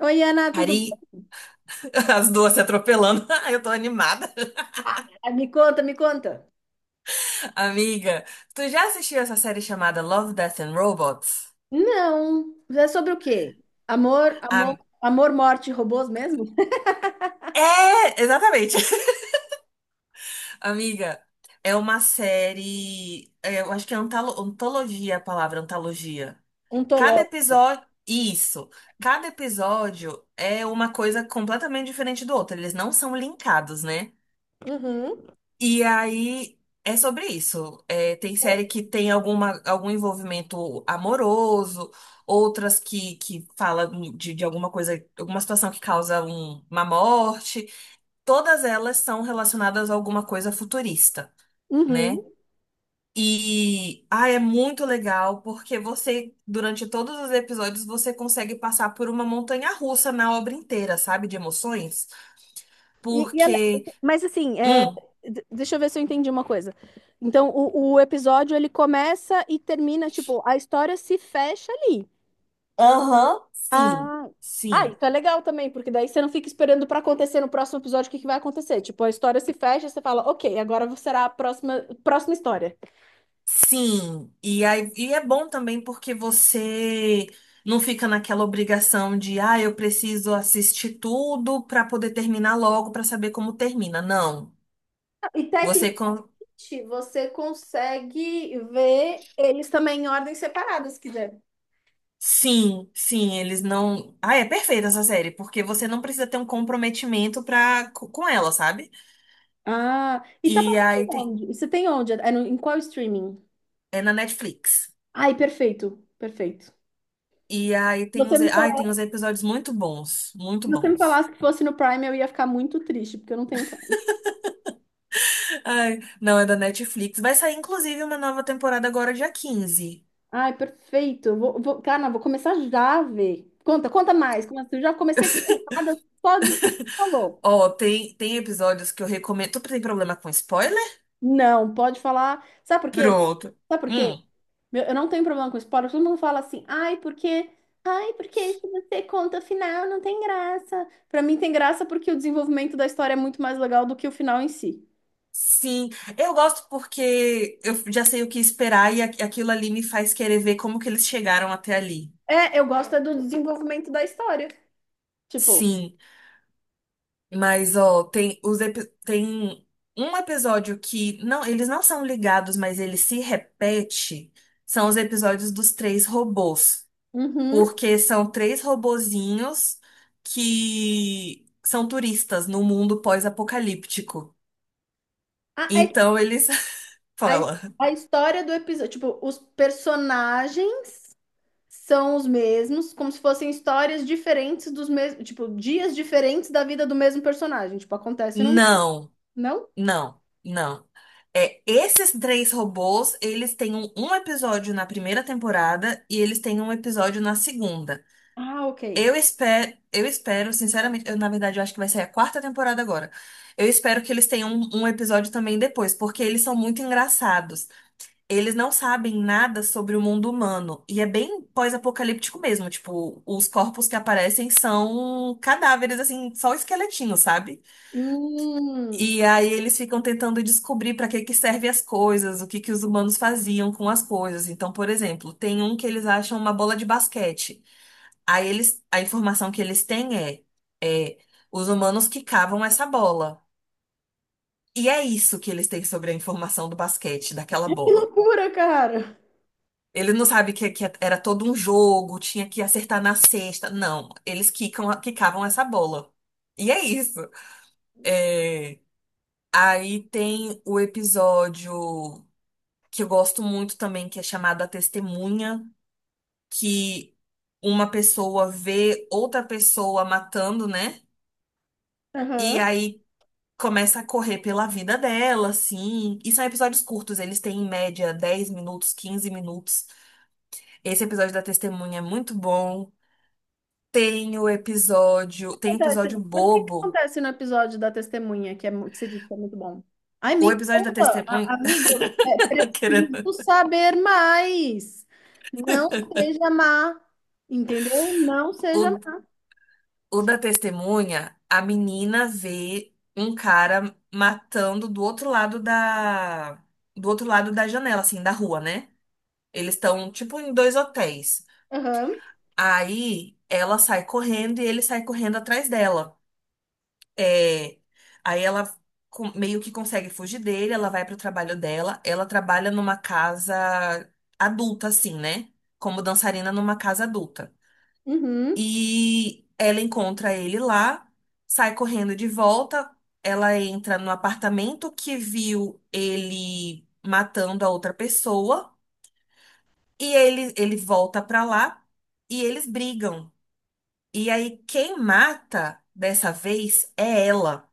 Oi, Ana, tudo Ari, bom? as duas se atropelando. Eu tô animada. Ah, me conta, me conta. Amiga, tu já assistiu essa série chamada Love, Death and Robots? Não, é sobre o quê? Amor, amor, Am- amor, morte, e robôs mesmo? É, exatamente. Amiga, é uma série. Eu acho que é antologia a palavra, antologia. Cada Ontológico. episódio. Isso. Cada episódio é uma coisa completamente diferente do outro. Eles não são linkados, né? Uhum, E aí é sobre isso. É, tem série que tem algum envolvimento amoroso, outras que falam de alguma coisa, alguma situação que causa uma morte. Todas elas são relacionadas a alguma coisa futurista, uhum. né? E é muito legal porque você, durante todos os episódios, você consegue passar por uma montanha russa na obra inteira, sabe? De emoções. E Porque... mas assim, Hum. Deixa eu ver se eu entendi uma coisa. Então, o episódio ele começa e termina, tipo, a história se fecha ali. Aham, sim, Ah, ah, sim. isso é legal também, porque daí você não fica esperando pra acontecer no próximo episódio o que que vai acontecer. Tipo, a história se fecha, você fala, ok, agora será a próxima história. Sim, e aí, é bom também porque você não fica naquela obrigação de, ah, eu preciso assistir tudo para poder terminar logo, para saber como termina. Não. E técnica. Você. Você consegue ver eles também em ordem separada, se quiser. Sim, sim, eles não. Ah, é perfeita essa série, porque você não precisa ter um comprometimento pra com ela, sabe? Ah, e tá E passando aí tem. onde? Você tem onde? É em qual streaming? É na Netflix. Ai, perfeito, perfeito. E aí tem Você uns. Me Ai, tem uns falasse, episódios muito bons, muito você me bons. falasse que fosse no Prime, eu ia ficar muito triste, porque eu não tenho Prime. Ai, não, é da Netflix. Vai sair, inclusive, uma nova temporada agora, dia 15. Ai, perfeito. Eu vou, cara, vou começar já a ver. Conta, conta mais. Como assim? Eu já comecei a ficar animada só de. Falou. Ó, tem episódios que eu recomendo. Tu tem problema com spoiler? Não, pode falar. Sabe por quê? Pronto. Sabe por quê? Hum. Meu, eu não tenho problema com spoiler. Todo mundo fala assim, ai, porque se você conta o final, não tem graça. Pra mim tem graça porque o desenvolvimento da história é muito mais legal do que o final em si. Sim, eu gosto porque eu já sei o que esperar e aquilo ali me faz querer ver como que eles chegaram até ali. É, eu gosto é do desenvolvimento da história. Tipo, Sim, mas ó, tem um episódio que não, eles não são ligados, mas ele se repete, são os episódios dos três robôs, uhum. porque são três robozinhos que são turistas no mundo pós-apocalíptico. A, é- Então eles a, falam a história do episódio, tipo, os personagens são os mesmos, como se fossem histórias diferentes dos mesmos, tipo, dias diferentes da vida do mesmo personagem. Tipo, acontece num, não, não? não, não. É, esses três robôs, eles têm um episódio na primeira temporada e eles têm um episódio na segunda. Ah, ok. Eu espero, sinceramente, eu, na verdade, eu acho que vai sair a quarta temporada agora. Eu espero que eles tenham um episódio também depois, porque eles são muito engraçados. Eles não sabem nada sobre o mundo humano. E é bem pós-apocalíptico mesmo. Tipo, os corpos que aparecem são cadáveres, assim, só esqueletinhos, sabe? Hum. E aí eles ficam tentando descobrir para que que servem as coisas, o que que os humanos faziam com as coisas. Então, por exemplo, tem um que eles acham uma bola de basquete. Aí eles, a informação que eles têm é, os humanos quicavam essa bola. E é isso que eles têm sobre a informação do basquete, daquela Que bola. loucura, cara! Eles não sabem que era todo um jogo, tinha que acertar na cesta. Não, eles quicavam essa bola. E é isso. É, aí tem o episódio que eu gosto muito também, que é chamada testemunha, que uma pessoa vê outra pessoa matando, né? E Aham. aí começa a correr pela vida dela, assim. E são episódios curtos, eles têm em média 10 minutos, 15 minutos. Esse episódio da testemunha é muito bom. Tem o episódio, tem Né? episódio Mas o que que bobo. acontece no episódio da testemunha, que você disse que é muito bom? Ai, O me episódio da conta, testemunha, amiga, preciso querendo. saber mais. Não seja má, entendeu? Não seja o má. O da testemunha, a menina vê um cara matando do outro lado da janela, assim, da rua, né? Eles estão tipo em dois hotéis. Aham, Aí ela sai correndo e ele sai correndo atrás dela. É, aí ela meio que consegue fugir dele, ela vai pro trabalho dela. Ela trabalha numa casa adulta, assim, né? Como dançarina numa casa adulta. uhum, E ela encontra ele lá, sai correndo de volta. Ela entra no apartamento que viu ele matando a outra pessoa. E ele volta pra lá e eles brigam. E aí, quem mata dessa vez é ela.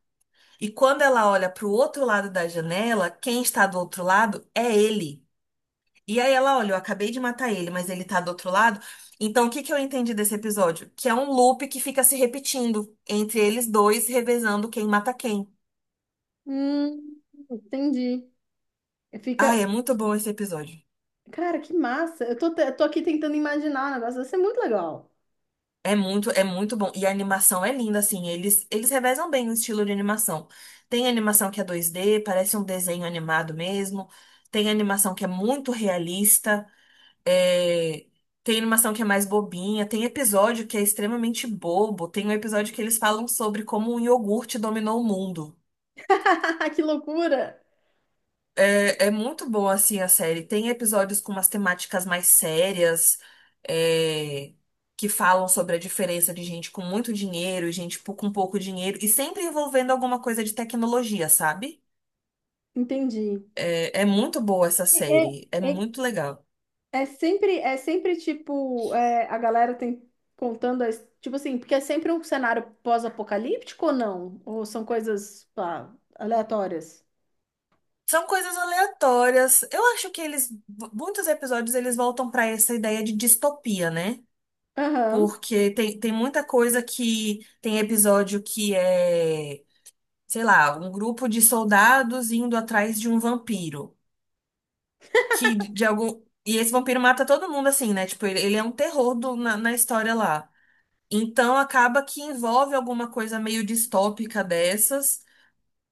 E quando ela olha pro outro lado da janela, quem está do outro lado é ele. E aí ela, olha, eu acabei de matar ele, mas ele tá do outro lado. Então, o que que eu entendi desse episódio? Que é um loop que fica se repetindo entre eles dois, revezando quem mata quem. hum, entendi. Ah, Fica, é muito bom esse episódio. cara, que massa. Eu tô aqui tentando imaginar o negócio, vai ser muito legal. É muito bom. E a animação é linda, assim. Eles revezam bem o estilo de animação. Tem animação que é 2D, parece um desenho animado mesmo. Tem animação que é muito realista. É, tem animação que é mais bobinha, tem episódio que é extremamente bobo, tem um episódio que eles falam sobre como um iogurte dominou o mundo. Que loucura! É, é muito bom, assim, a série. Tem episódios com umas temáticas mais sérias, é, que falam sobre a diferença de gente com muito dinheiro e gente com pouco dinheiro, e sempre envolvendo alguma coisa de tecnologia, sabe? Entendi. É muito boa essa É, série, é é, muito legal. é sempre tipo, a galera tem contando, tipo assim, porque é sempre um cenário pós-apocalíptico ou não? Ou são coisas, pá, aleatórias? São coisas aleatórias. Eu acho que muitos episódios eles voltam para essa ideia de distopia, né? Aham, Porque tem muita coisa que tem episódio que é, sei lá, um grupo de soldados indo atrás de um vampiro, que de algum e esse vampiro mata todo mundo assim, né? Tipo, ele é um terror na história lá. Então acaba que envolve alguma coisa meio distópica dessas.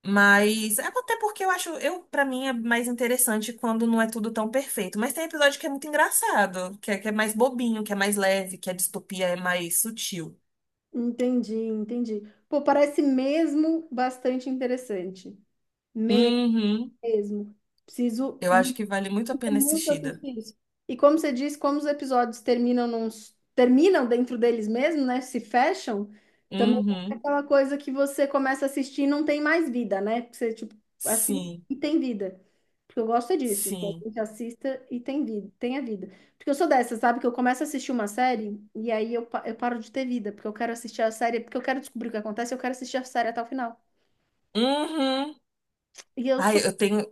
Mas é até porque eu, para mim, é mais interessante quando não é tudo tão perfeito. Mas tem episódio que é muito engraçado, que é mais bobinho, que é mais leve, que a distopia é mais sutil. entendi, entendi. Pô, parece mesmo bastante interessante. Uhum. Mesmo. Preciso. Eu acho que vale muito a É pena muito assistida. assistir. E como você disse, como os episódios terminam dentro deles mesmo, né? Se fecham, também é Uhum. aquela coisa que você começa a assistir e não tem mais vida, né? Porque você, tipo, assiste Sim, e tem vida. Porque eu gosto é disso, que a sim. gente assista e tenha vida. Porque eu sou dessa, sabe? Que eu começo a assistir uma série e aí eu paro de ter vida, porque eu quero assistir a série, porque eu quero descobrir o que acontece, eu quero assistir a série até o final. Uhum. E eu Ai, sou eu tenho.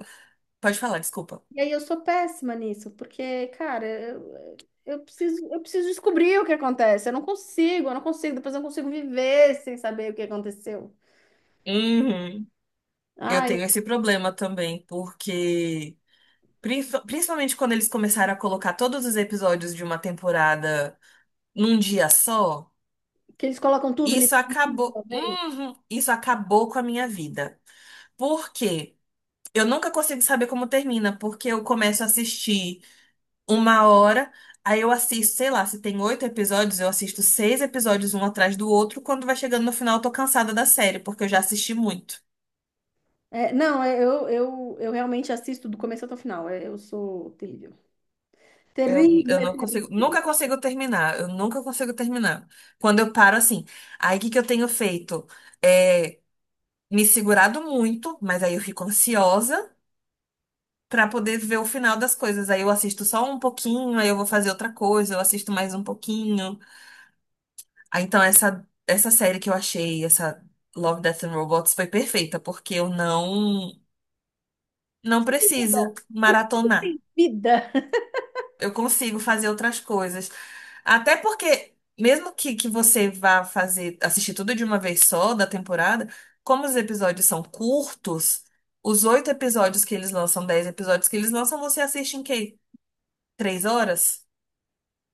Pode falar, desculpa. E aí eu sou péssima nisso, porque, cara, eu preciso descobrir o que acontece. Eu não consigo, depois eu não consigo viver sem saber o que aconteceu. Uhum. Eu Ai, tenho esse problema também, porque principalmente quando eles começaram a colocar todos os episódios de uma temporada num dia só. que eles colocam tudo, Isso liberam tudo de uma acabou, vez. uhum, isso acabou com a minha vida. Por quê? Eu nunca consigo saber como termina, porque eu começo a assistir uma hora, aí eu assisto, sei lá, se tem oito episódios, eu assisto seis episódios um atrás do outro. Quando vai chegando no final, eu tô cansada da série, porque eu já assisti muito. É, não, eu realmente assisto do começo até o final. É, eu sou terrível. Eu Terrível. não consigo, nunca consigo terminar, eu nunca consigo terminar. Quando eu paro assim, aí o que que eu tenho feito? É me segurado muito, mas aí eu fico ansiosa. Pra poder ver o final das coisas. Aí eu assisto só um pouquinho, aí eu vou fazer outra coisa, eu assisto mais um pouquinho. Ah, então essa série que eu achei, essa Love, Death and Robots foi perfeita, porque eu não Você tem preciso vida? Por que você maratonar. tem vida? Eu consigo fazer outras coisas. Até porque mesmo que você vá fazer assistir tudo de uma vez só da temporada, como os episódios são curtos, os oito episódios que eles lançam, dez episódios que eles lançam, você assiste em que, 3 horas?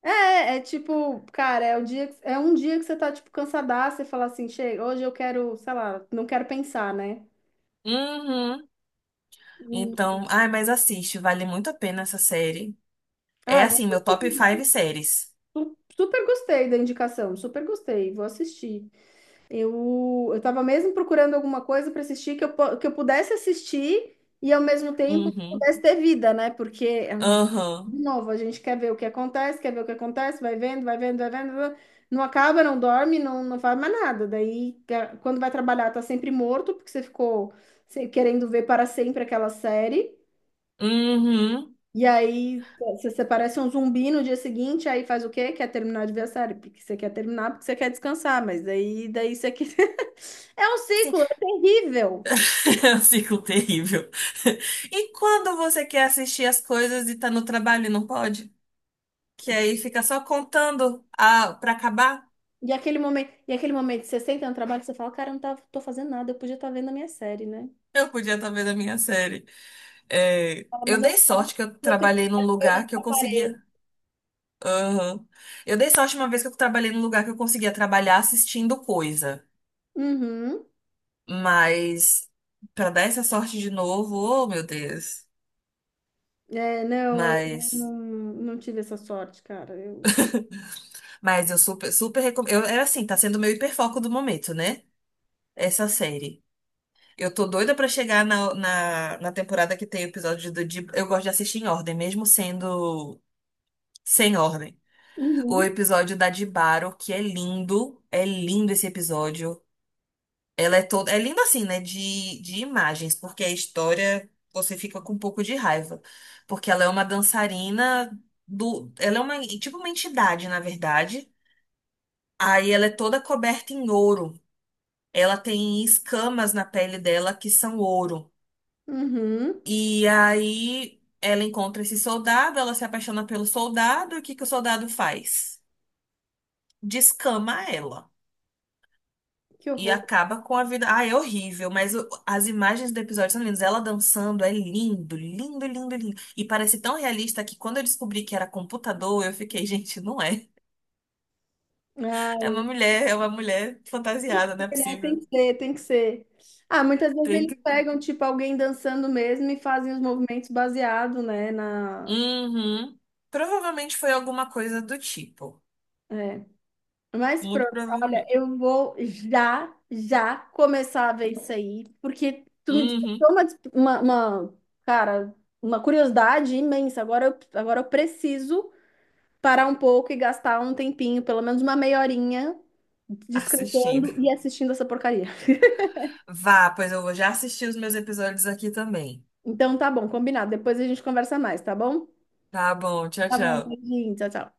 É tipo, cara, é um dia que você tá, tipo, cansadaça e fala assim, chega, hoje eu quero, sei lá, não quero pensar, né? Uhum. Então, ai, mas assiste, vale muito a pena essa série. É Ah, vou assim, meu top assistir. 5 Nossa, séries. super gostei da indicação, super gostei, vou assistir. Eu tava mesmo procurando alguma coisa para assistir que eu pudesse assistir e ao mesmo tempo que Uhum. pudesse ter vida, né? Porque, ah, Aham. de novo, a gente quer ver o que acontece, quer ver o que acontece, vai vendo, vai vendo, vai vendo, vai vendo, não acaba, não dorme, não, não faz mais nada. Daí, quando vai trabalhar, tá sempre morto, porque você ficou querendo ver para sempre aquela série. Uhum. E aí você parece um zumbi no dia seguinte, aí faz o quê? Quer terminar de ver a série, porque você quer terminar, porque você quer descansar, mas daí você quer. É um Sim. ciclo, é terrível. É um ciclo terrível. E quando você quer assistir as coisas e tá no trabalho e não pode? Que aí fica só contando a, pra acabar. E aquele momento, que você senta no trabalho, você fala, cara, eu não tava, tô fazendo nada, eu podia estar vendo a minha série, né? Eu podia estar vendo a minha série. É, Fala, mas eu eu não dei posso, sorte que eu eu tenho que trabalhei num ficar aqui lugar olhando que eu pra parede. conseguia. Aham. Eu dei sorte uma vez que eu trabalhei num lugar que eu conseguia trabalhar assistindo coisa. Uhum. Mas pra dar essa sorte de novo, oh meu Deus. É, não, eu não, Mas, não tive essa sorte, cara. Eu. mas eu super, super recomendo. Eu, é assim, tá sendo o meu hiperfoco do momento, né? Essa série. Eu tô doida pra chegar na temporada que tem o episódio do. Eu gosto de assistir em ordem, mesmo sendo sem ordem. O Uhum. episódio da Dibaro, que é lindo. É lindo esse episódio. Ela é toda. É linda assim, né? De imagens, porque a história você fica com um pouco de raiva. Porque ela é uma dançarina do. Ela é uma, tipo uma entidade, na verdade. Aí ela é toda coberta em ouro. Ela tem escamas na pele dela que são ouro. Uhum. E aí ela encontra esse soldado, ela se apaixona pelo soldado, e o que que o soldado faz? Descama ela. Que E horror. acaba com a vida. Ah, é horrível, mas as imagens do episódio são lindas. Ela dançando é lindo, lindo, lindo, lindo. E parece tão realista que quando eu descobri que era computador, eu fiquei, gente, não é. Ah, É uma mulher fantasiada, não é tem possível. que ser, tem que ser. Ah, muitas vezes Tem eles que. pegam, tipo, alguém dançando mesmo e fazem os movimentos baseado, né, na. Uhum. Provavelmente foi alguma coisa do tipo. É. Mas Muito pronto, olha, provavelmente. eu vou já, já começar a ver isso aí, porque tu me Uhum. despertou uma, des- uma- cara, uma curiosidade imensa. Agora eu preciso parar um pouco e gastar um tempinho, pelo menos uma meia horinha, Assistindo. descansando e assistindo essa porcaria. Vá, pois eu vou já assistir os meus episódios aqui também. Então tá bom, combinado. Depois a gente conversa mais, tá bom? Tá bom, tchau, Tá bom, tchau. beijinho, tchau, tchau.